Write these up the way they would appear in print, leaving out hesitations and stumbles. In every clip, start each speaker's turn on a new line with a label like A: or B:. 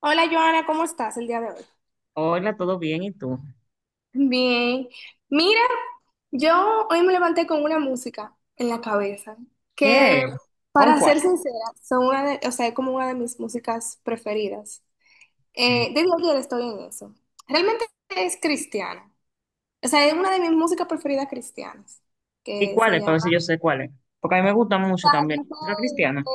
A: Hola Joana, ¿cómo estás el día de hoy?
B: Hola, ¿todo bien? ¿Y tú?
A: Bien, mira, yo hoy me levanté con una música en la cabeza que,
B: ¿Qué? ¿Con
A: para ser
B: cuál?
A: sincera, son una de, o sea, es como una de mis músicas preferidas.
B: Eh,
A: Desde ayer estoy en eso. Realmente es cristiana, o sea, es una de mis músicas preferidas cristianas,
B: ¿Y
A: que se
B: cuáles? Para
A: llama,
B: ver si yo sé cuáles. Porque a mí me gusta mucho también la música cristiana.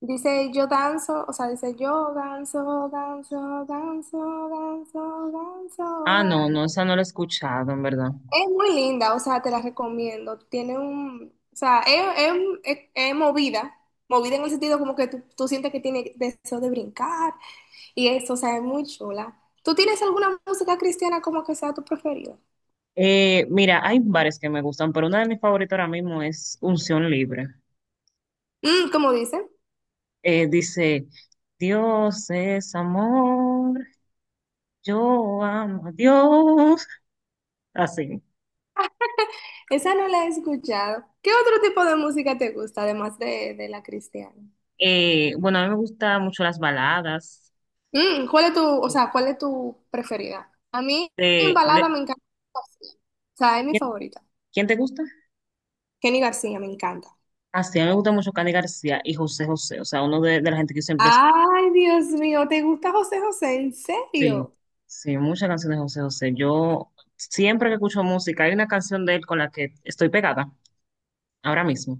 A: dice, yo danzo, o sea, dice, yo danzo, danzo, danzo, danzo, danzo,
B: Ah, no,
A: danzo.
B: no, esa no la he escuchado, en verdad.
A: Es muy linda, o sea, te la recomiendo. Tiene un, o sea, es movida, movida en el sentido como que tú sientes que tiene deseo de brincar y eso, o sea, es muy chula. ¿Tú tienes alguna música cristiana como que sea tu preferida?
B: Mira, hay varias que me gustan, pero una de mis favoritas ahora mismo es Unción Libre.
A: Mm, como dicen,
B: Dice, Dios es amor, yo amo a Dios. Así.
A: esa no la he escuchado. ¿Qué otro tipo de música te gusta además de la cristiana?
B: Bueno, a mí me gustan mucho las baladas.
A: Mm, ¿cuál es tu, o sea, cuál es tu preferida? A mí en
B: Eh, le-
A: balada me encanta. Kenny García. O sea, es mi
B: ¿Quién,
A: favorita.
B: quién te gusta?
A: Kenny García me encanta.
B: Así, a mí me gusta mucho Cani García y José José, o sea, uno de la gente que yo siempre escucho.
A: Ay, Dios mío, ¿te gusta José José? ¿En
B: Sí,
A: serio?
B: sí, muchas canciones de José José. Yo siempre que escucho música, hay una canción de él con la que estoy pegada ahora mismo.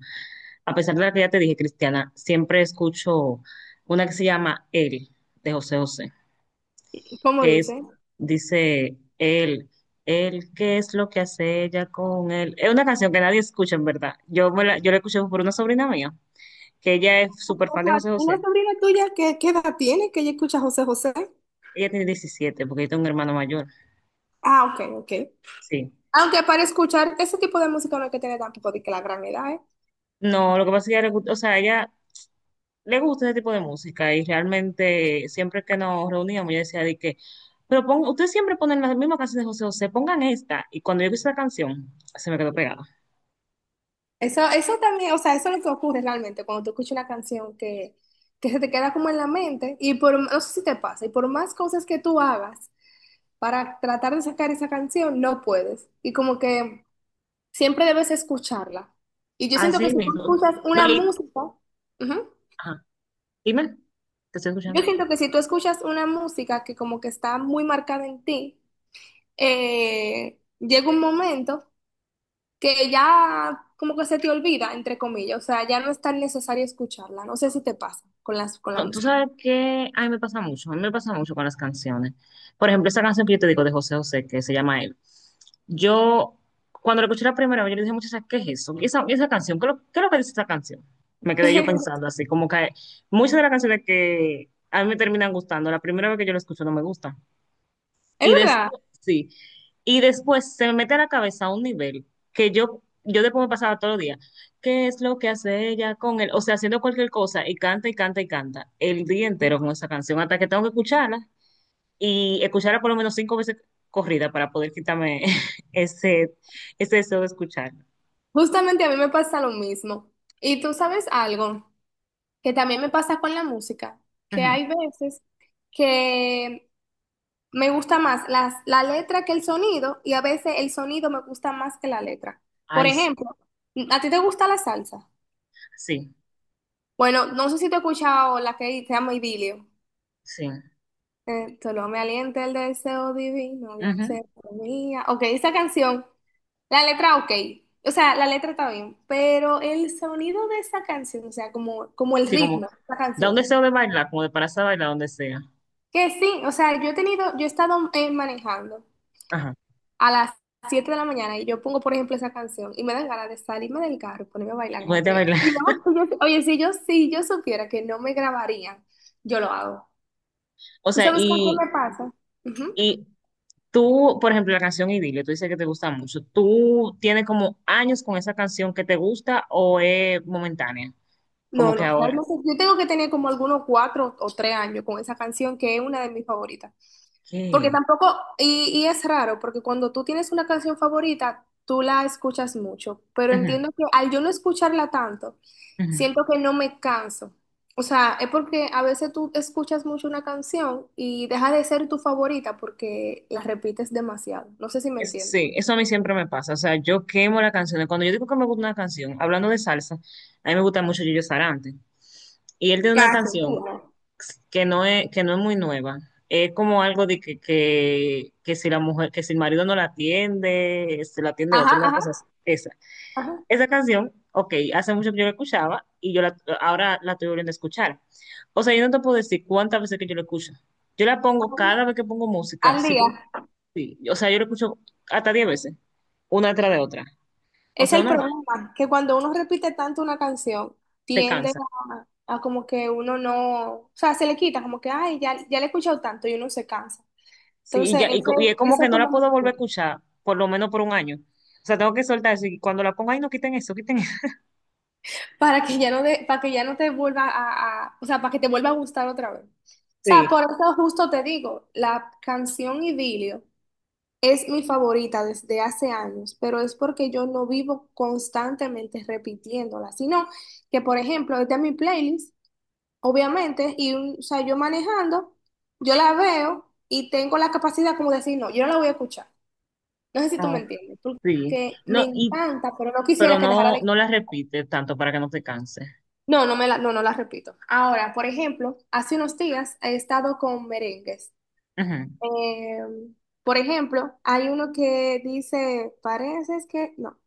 B: A pesar de la que ya te dije, Cristiana, siempre escucho una que se llama Él, de José José,
A: ¿Cómo
B: que es,
A: dice?
B: dice, Él, ¿qué es lo que hace ella con él? Es una canción que nadie escucha, en verdad. Yo la escuché por una sobrina mía, que ella es súper
A: O
B: fan de
A: sea,
B: José
A: una
B: José.
A: sobrina tuya, ¿qué, qué edad tiene que ella escucha José José?
B: Ella tiene 17 porque yo tengo un hermano mayor,
A: Ah, ok, ok.
B: sí.
A: Aunque para escuchar ese tipo de música no hay que tener tampoco de que la gran edad, ¿eh?
B: No, lo que pasa es que ella, o sea, ella le gusta ese tipo de música y realmente siempre que nos reuníamos ella decía de que, pero pon, ustedes siempre ponen las mismas canciones de José José, pongan esta. Y cuando yo vi esa canción, se me quedó pegada.
A: Eso también, o sea, eso es lo que ocurre realmente cuando tú escuchas una canción que se te queda como en la mente y por, no sé si te pasa, y por más cosas que tú hagas para tratar de sacar esa canción, no puedes. Y como que siempre debes escucharla. Y yo siento que
B: Así
A: si tú
B: mismo.
A: escuchas
B: No,
A: una música, ujú,
B: ajá. Dime, te estoy
A: yo
B: escuchando.
A: siento que si tú escuchas una música que como que está muy marcada en ti, llega un momento que ya como que se te olvida, entre comillas, o sea, ya no es tan necesario escucharla. No sé si te pasa con las, con la
B: No, tú
A: música.
B: sabes que a mí me pasa mucho, a mí me pasa mucho con las canciones. Por ejemplo, esa canción que yo te digo de José José, que se llama Él. Yo, cuando la escuché la primera vez, yo le dije muchas veces, ¿qué es eso? Y esa canción? ¿Qué es lo que dice esa canción? Me quedé yo pensando así, como que muchas de las canciones que a mí me terminan gustando, la primera vez que yo la escucho no me gusta.
A: Es
B: Y
A: verdad,
B: después, sí. Y después se me mete a la cabeza a un nivel que yo después me pasaba todos los días. ¿Qué es lo que hace ella con él? O sea, haciendo cualquier cosa y canta y canta y canta el día entero con esa canción hasta que tengo que escucharla y escucharla por lo menos 5 veces corrida para poder quitarme ese, ese deseo de escucharla.
A: justamente a mí me pasa lo mismo. Y tú sabes algo que también me pasa con la música, que
B: Ujú.
A: hay veces que me gusta más las, la letra que el sonido y a veces el sonido me gusta más que la letra. Por
B: Ay,
A: ejemplo, ¿a ti te gusta la salsa?
B: sí,
A: Bueno, no sé si te he escuchado la que se llama Idilio.
B: sí.
A: Solo me alienta el deseo divino de
B: Ujú.
A: hacer mía. Ok, esa canción, la letra ok. O sea, la letra está bien, pero el sonido de esa canción, o sea, como, como el
B: Sí,
A: ritmo
B: como
A: de esa
B: da un
A: canción.
B: deseo de bailar, como de pararse a bailar donde sea.
A: Que sí, o sea, yo he tenido, yo he estado manejando
B: Ajá.
A: a las 7 de la mañana y yo pongo, por ejemplo, esa canción y me dan ganas de salirme del carro y ponerme a
B: Y
A: bailar como
B: ponerte a
A: que
B: bailar.
A: y no, sí, oye, si yo supiera que no me grabarían, yo lo hago.
B: O
A: ¿Tú
B: sea,
A: sabes con qué me pasa? Ujú.
B: tú, por ejemplo, la canción Idilio, tú dices que te gusta mucho. ¿Tú tienes como años con esa canción que te gusta o es momentánea? Como
A: No,
B: que
A: no,
B: ahora.
A: realmente yo tengo que tener como algunos 4 o 3 años con esa canción que es una de mis favoritas. Porque
B: ¿Qué?
A: tampoco, y es raro, porque cuando tú tienes una canción favorita, tú la escuchas mucho, pero
B: Ujú,
A: entiendo que al yo no escucharla tanto,
B: ujú.
A: siento que no me canso. O sea, es porque a veces tú escuchas mucho una canción y deja de ser tu favorita porque la repites demasiado. No sé si me
B: Es-
A: entiendes.
B: sí, eso a mí siempre me pasa. O sea, yo quemo las canciones. Cuando yo digo que me gusta una canción, hablando de salsa, a mí me gusta mucho Gillo Sarante. Y él tiene una
A: Casi.
B: canción
A: Una.
B: que no es muy nueva. Es como algo de que si la mujer, que si el marido no la atiende, se la atiende
A: Ajá,
B: otro, una
A: ajá,
B: cosa así. Esa.
A: ajá.
B: Esa canción, ok, hace mucho que yo la escuchaba y ahora la estoy volviendo a escuchar. O sea, yo no te puedo decir cuántas veces que yo la escucho. Yo la pongo cada vez que pongo música.
A: Al
B: Sí,
A: día.
B: sí. O sea, yo la escucho hasta 10 veces, una tras de otra. O
A: Es
B: sea,
A: el
B: una más,
A: problema, que cuando uno repite tanto una canción,
B: te
A: tiende
B: cansa.
A: a como que uno no, o sea, se le quita, como que, ay, ya, ya le he escuchado tanto y uno se cansa.
B: Sí, y,
A: Entonces,
B: ya, y,
A: ese,
B: co- y es como
A: eso
B: que
A: es
B: no la puedo
A: como
B: volver a escuchar, por lo menos por un año. O sea, tengo que soltar eso. Y cuando la pongo ahí, no quiten eso, quiten eso.
A: para que ya no te vuelva a, o sea, para que te vuelva a gustar otra vez. O sea,
B: Sí,
A: por eso justo te digo, la canción Idilio es mi favorita desde hace años, pero es porque yo no vivo constantemente repitiéndola, sino que, por ejemplo, esta es mi playlist, obviamente, o sea, yo manejando, yo la veo y tengo la capacidad como de decir, no, yo no la voy a escuchar. No sé si tú me
B: no,
A: entiendes,
B: sí.
A: porque me
B: No,
A: encanta, pero no
B: pero
A: quisiera que dejara de
B: no, no la
A: escuchar.
B: repites tanto para que no te canse.
A: No, no la repito. Ahora, por ejemplo, hace unos días he estado con merengues.
B: Ujú.
A: Eh, por ejemplo, hay uno que dice, parece es que, no,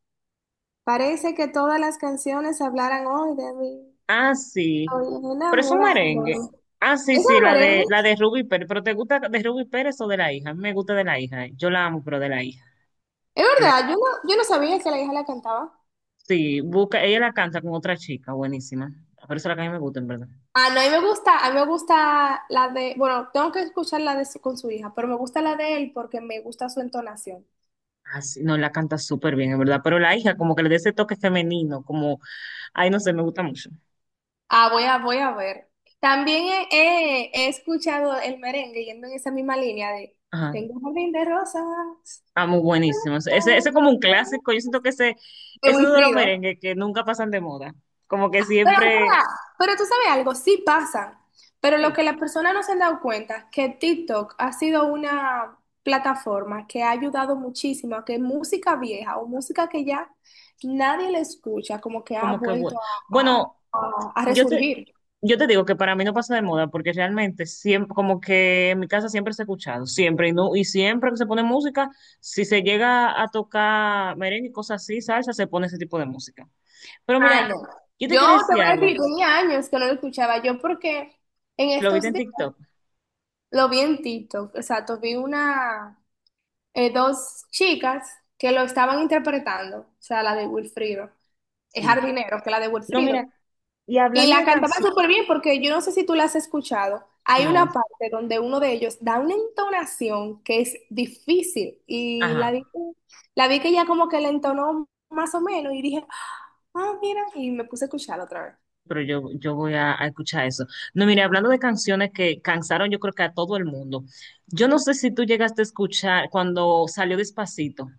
A: parece que todas las canciones hablaran hoy de mí.
B: Ah, sí.
A: Hoy
B: Pero es un
A: enamorado.
B: merengue.
A: ¿Eso
B: Ah, sí,
A: es
B: sí,
A: un
B: la
A: merengue?
B: de, la de Ruby Pérez. ¿Pero te gusta de Ruby Pérez o de la hija? A mí me gusta de la hija. Yo la amo, pero de la hija.
A: Es
B: De la-
A: verdad, yo no sabía que la hija la cantaba.
B: sí, busca, ella la canta con otra chica, buenísima. Por eso es la que a mí me gusta, en verdad.
A: Ah, no, a mí me gusta la de, bueno, tengo que escuchar con su hija, pero me gusta la de él porque me gusta su entonación.
B: Ah, sí, no, la canta súper bien, en verdad. Pero la hija, como que le da ese toque femenino, como, ay, no sé, me gusta mucho.
A: Ah, voy a ver. También he escuchado el merengue yendo en esa misma línea de
B: Ajá.
A: tengo un jardín de rosas
B: Ah, muy buenísimo. Ese es como un clásico. Yo siento que ese
A: de
B: es uno de los
A: Wilfrido.
B: merengues que nunca pasan de moda. Como que
A: Pero, o
B: siempre,
A: sea, pero tú sabes algo, sí pasan, pero lo
B: sí,
A: que las personas no se han dado cuenta, que TikTok ha sido una plataforma que ha ayudado muchísimo a que música vieja o música que ya nadie le escucha, como que ha
B: como que
A: vuelto
B: bueno.
A: a, a-
B: Bueno,
A: a
B: yo te,
A: resurgir.
B: Yo te digo que para mí no pasa de moda porque realmente siempre, como que en mi casa siempre se ha escuchado, siempre y no, y siempre que se pone música, si se llega a tocar merengue y cosas así, salsa, se pone ese tipo de música. Pero
A: Ah,
B: mira,
A: no.
B: yo te
A: Yo
B: quería
A: te
B: decir
A: voy a
B: algo,
A: decir, tenía años que no lo escuchaba yo porque en
B: lo viste
A: estos
B: en
A: días
B: TikTok,
A: lo vi en TikTok, exacto, vi una, dos chicas que lo estaban interpretando, o sea, la de Wilfrido, es
B: sí.
A: Jardinero, que la de
B: No,
A: Wilfrido.
B: mira, y
A: Y
B: hablando
A: la
B: de
A: cantaban
B: canciones,
A: súper bien porque yo no sé si tú la has escuchado. Hay
B: no,
A: una parte donde uno de ellos da una entonación que es difícil y
B: ajá,
A: la vi que ella como que la entonó más o menos y dije, ah, mira, y me puse a escucharla otra vez.
B: pero yo voy a escuchar eso. No, mira, hablando de canciones que cansaron, yo creo que a todo el mundo. Yo no sé si tú llegaste a escuchar cuando salió Despacito.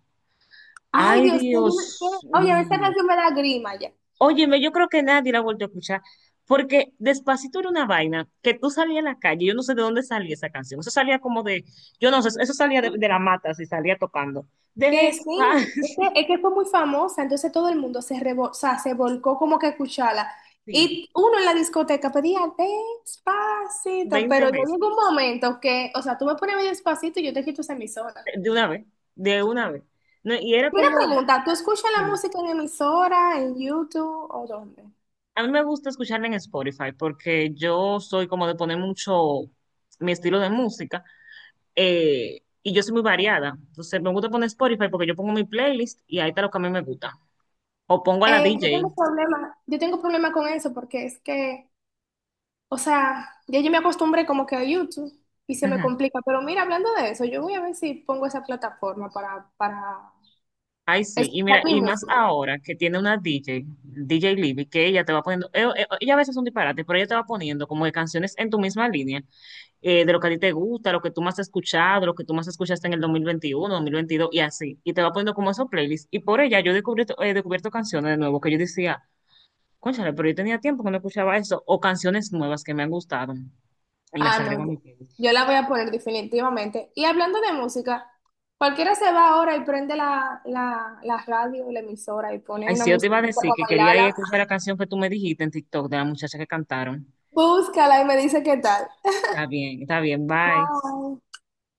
A: Ay,
B: Ay,
A: Dios mío,
B: Dios
A: oye, esta
B: mío.
A: canción me da grima ya.
B: Óyeme, yo creo que nadie la ha vuelto a escuchar, porque Despacito era una vaina que tú salías a la calle, yo no sé de dónde salía esa canción, eso salía como de, yo no sé, eso salía de la mata, si salía tocando.
A: Que sí,
B: Despacito,
A: es que fue muy famosa, entonces todo el mundo o sea, se volcó como que a escucharla.
B: sí,
A: Y uno en la discoteca pedía despacito, pero
B: 20
A: yo
B: veces,
A: llegó un momento que, o sea, tú me pones medio despacito y yo te quito esa emisora.
B: de una vez, de una vez. No, y era
A: Una
B: como,
A: pregunta, ¿tú escuchas la
B: dime,
A: música en emisora, en YouTube o dónde?
B: a mí me gusta escucharla en Spotify, porque yo soy como de poner mucho mi estilo de música, y yo soy muy variada, entonces me gusta poner Spotify porque yo pongo mi playlist y ahí está lo que a mí me gusta. O pongo a la DJ.
A: Yo tengo problema con eso porque es que, o sea, ya yo me acostumbré como que a YouTube y se me
B: Ajá.
A: complica. Pero mira, hablando de eso, yo voy a ver si pongo esa plataforma para
B: Ay, sí. Y
A: escuchar
B: mira,
A: mi
B: y más
A: música.
B: ahora que tiene una DJ, DJ Libby, que ella te va poniendo, ella a veces es un disparate, pero ella te va poniendo como que canciones en tu misma línea, de lo que a ti te gusta, lo que tú más has escuchado, lo que tú más escuchaste en el 2021, 2022 y así. Y te va poniendo como esos playlists. Y por ella yo he descubierto canciones de nuevo que yo decía, cónchale, pero yo tenía tiempo que no escuchaba eso, o canciones nuevas que me han gustado. Y las
A: Ah,
B: agrego
A: no,
B: a mi playlist.
A: yo la voy a poner definitivamente. Y hablando de música, cualquiera se va ahora y prende la radio, la emisora y pone
B: Ay,
A: una
B: sí, yo te iba a
A: musiquita
B: decir
A: para
B: que quería ir a
A: bailarla.
B: escuchar la canción que tú me dijiste en TikTok de la muchacha que cantaron.
A: Búscala y me dice qué tal.
B: Está bien, bye.
A: Bye.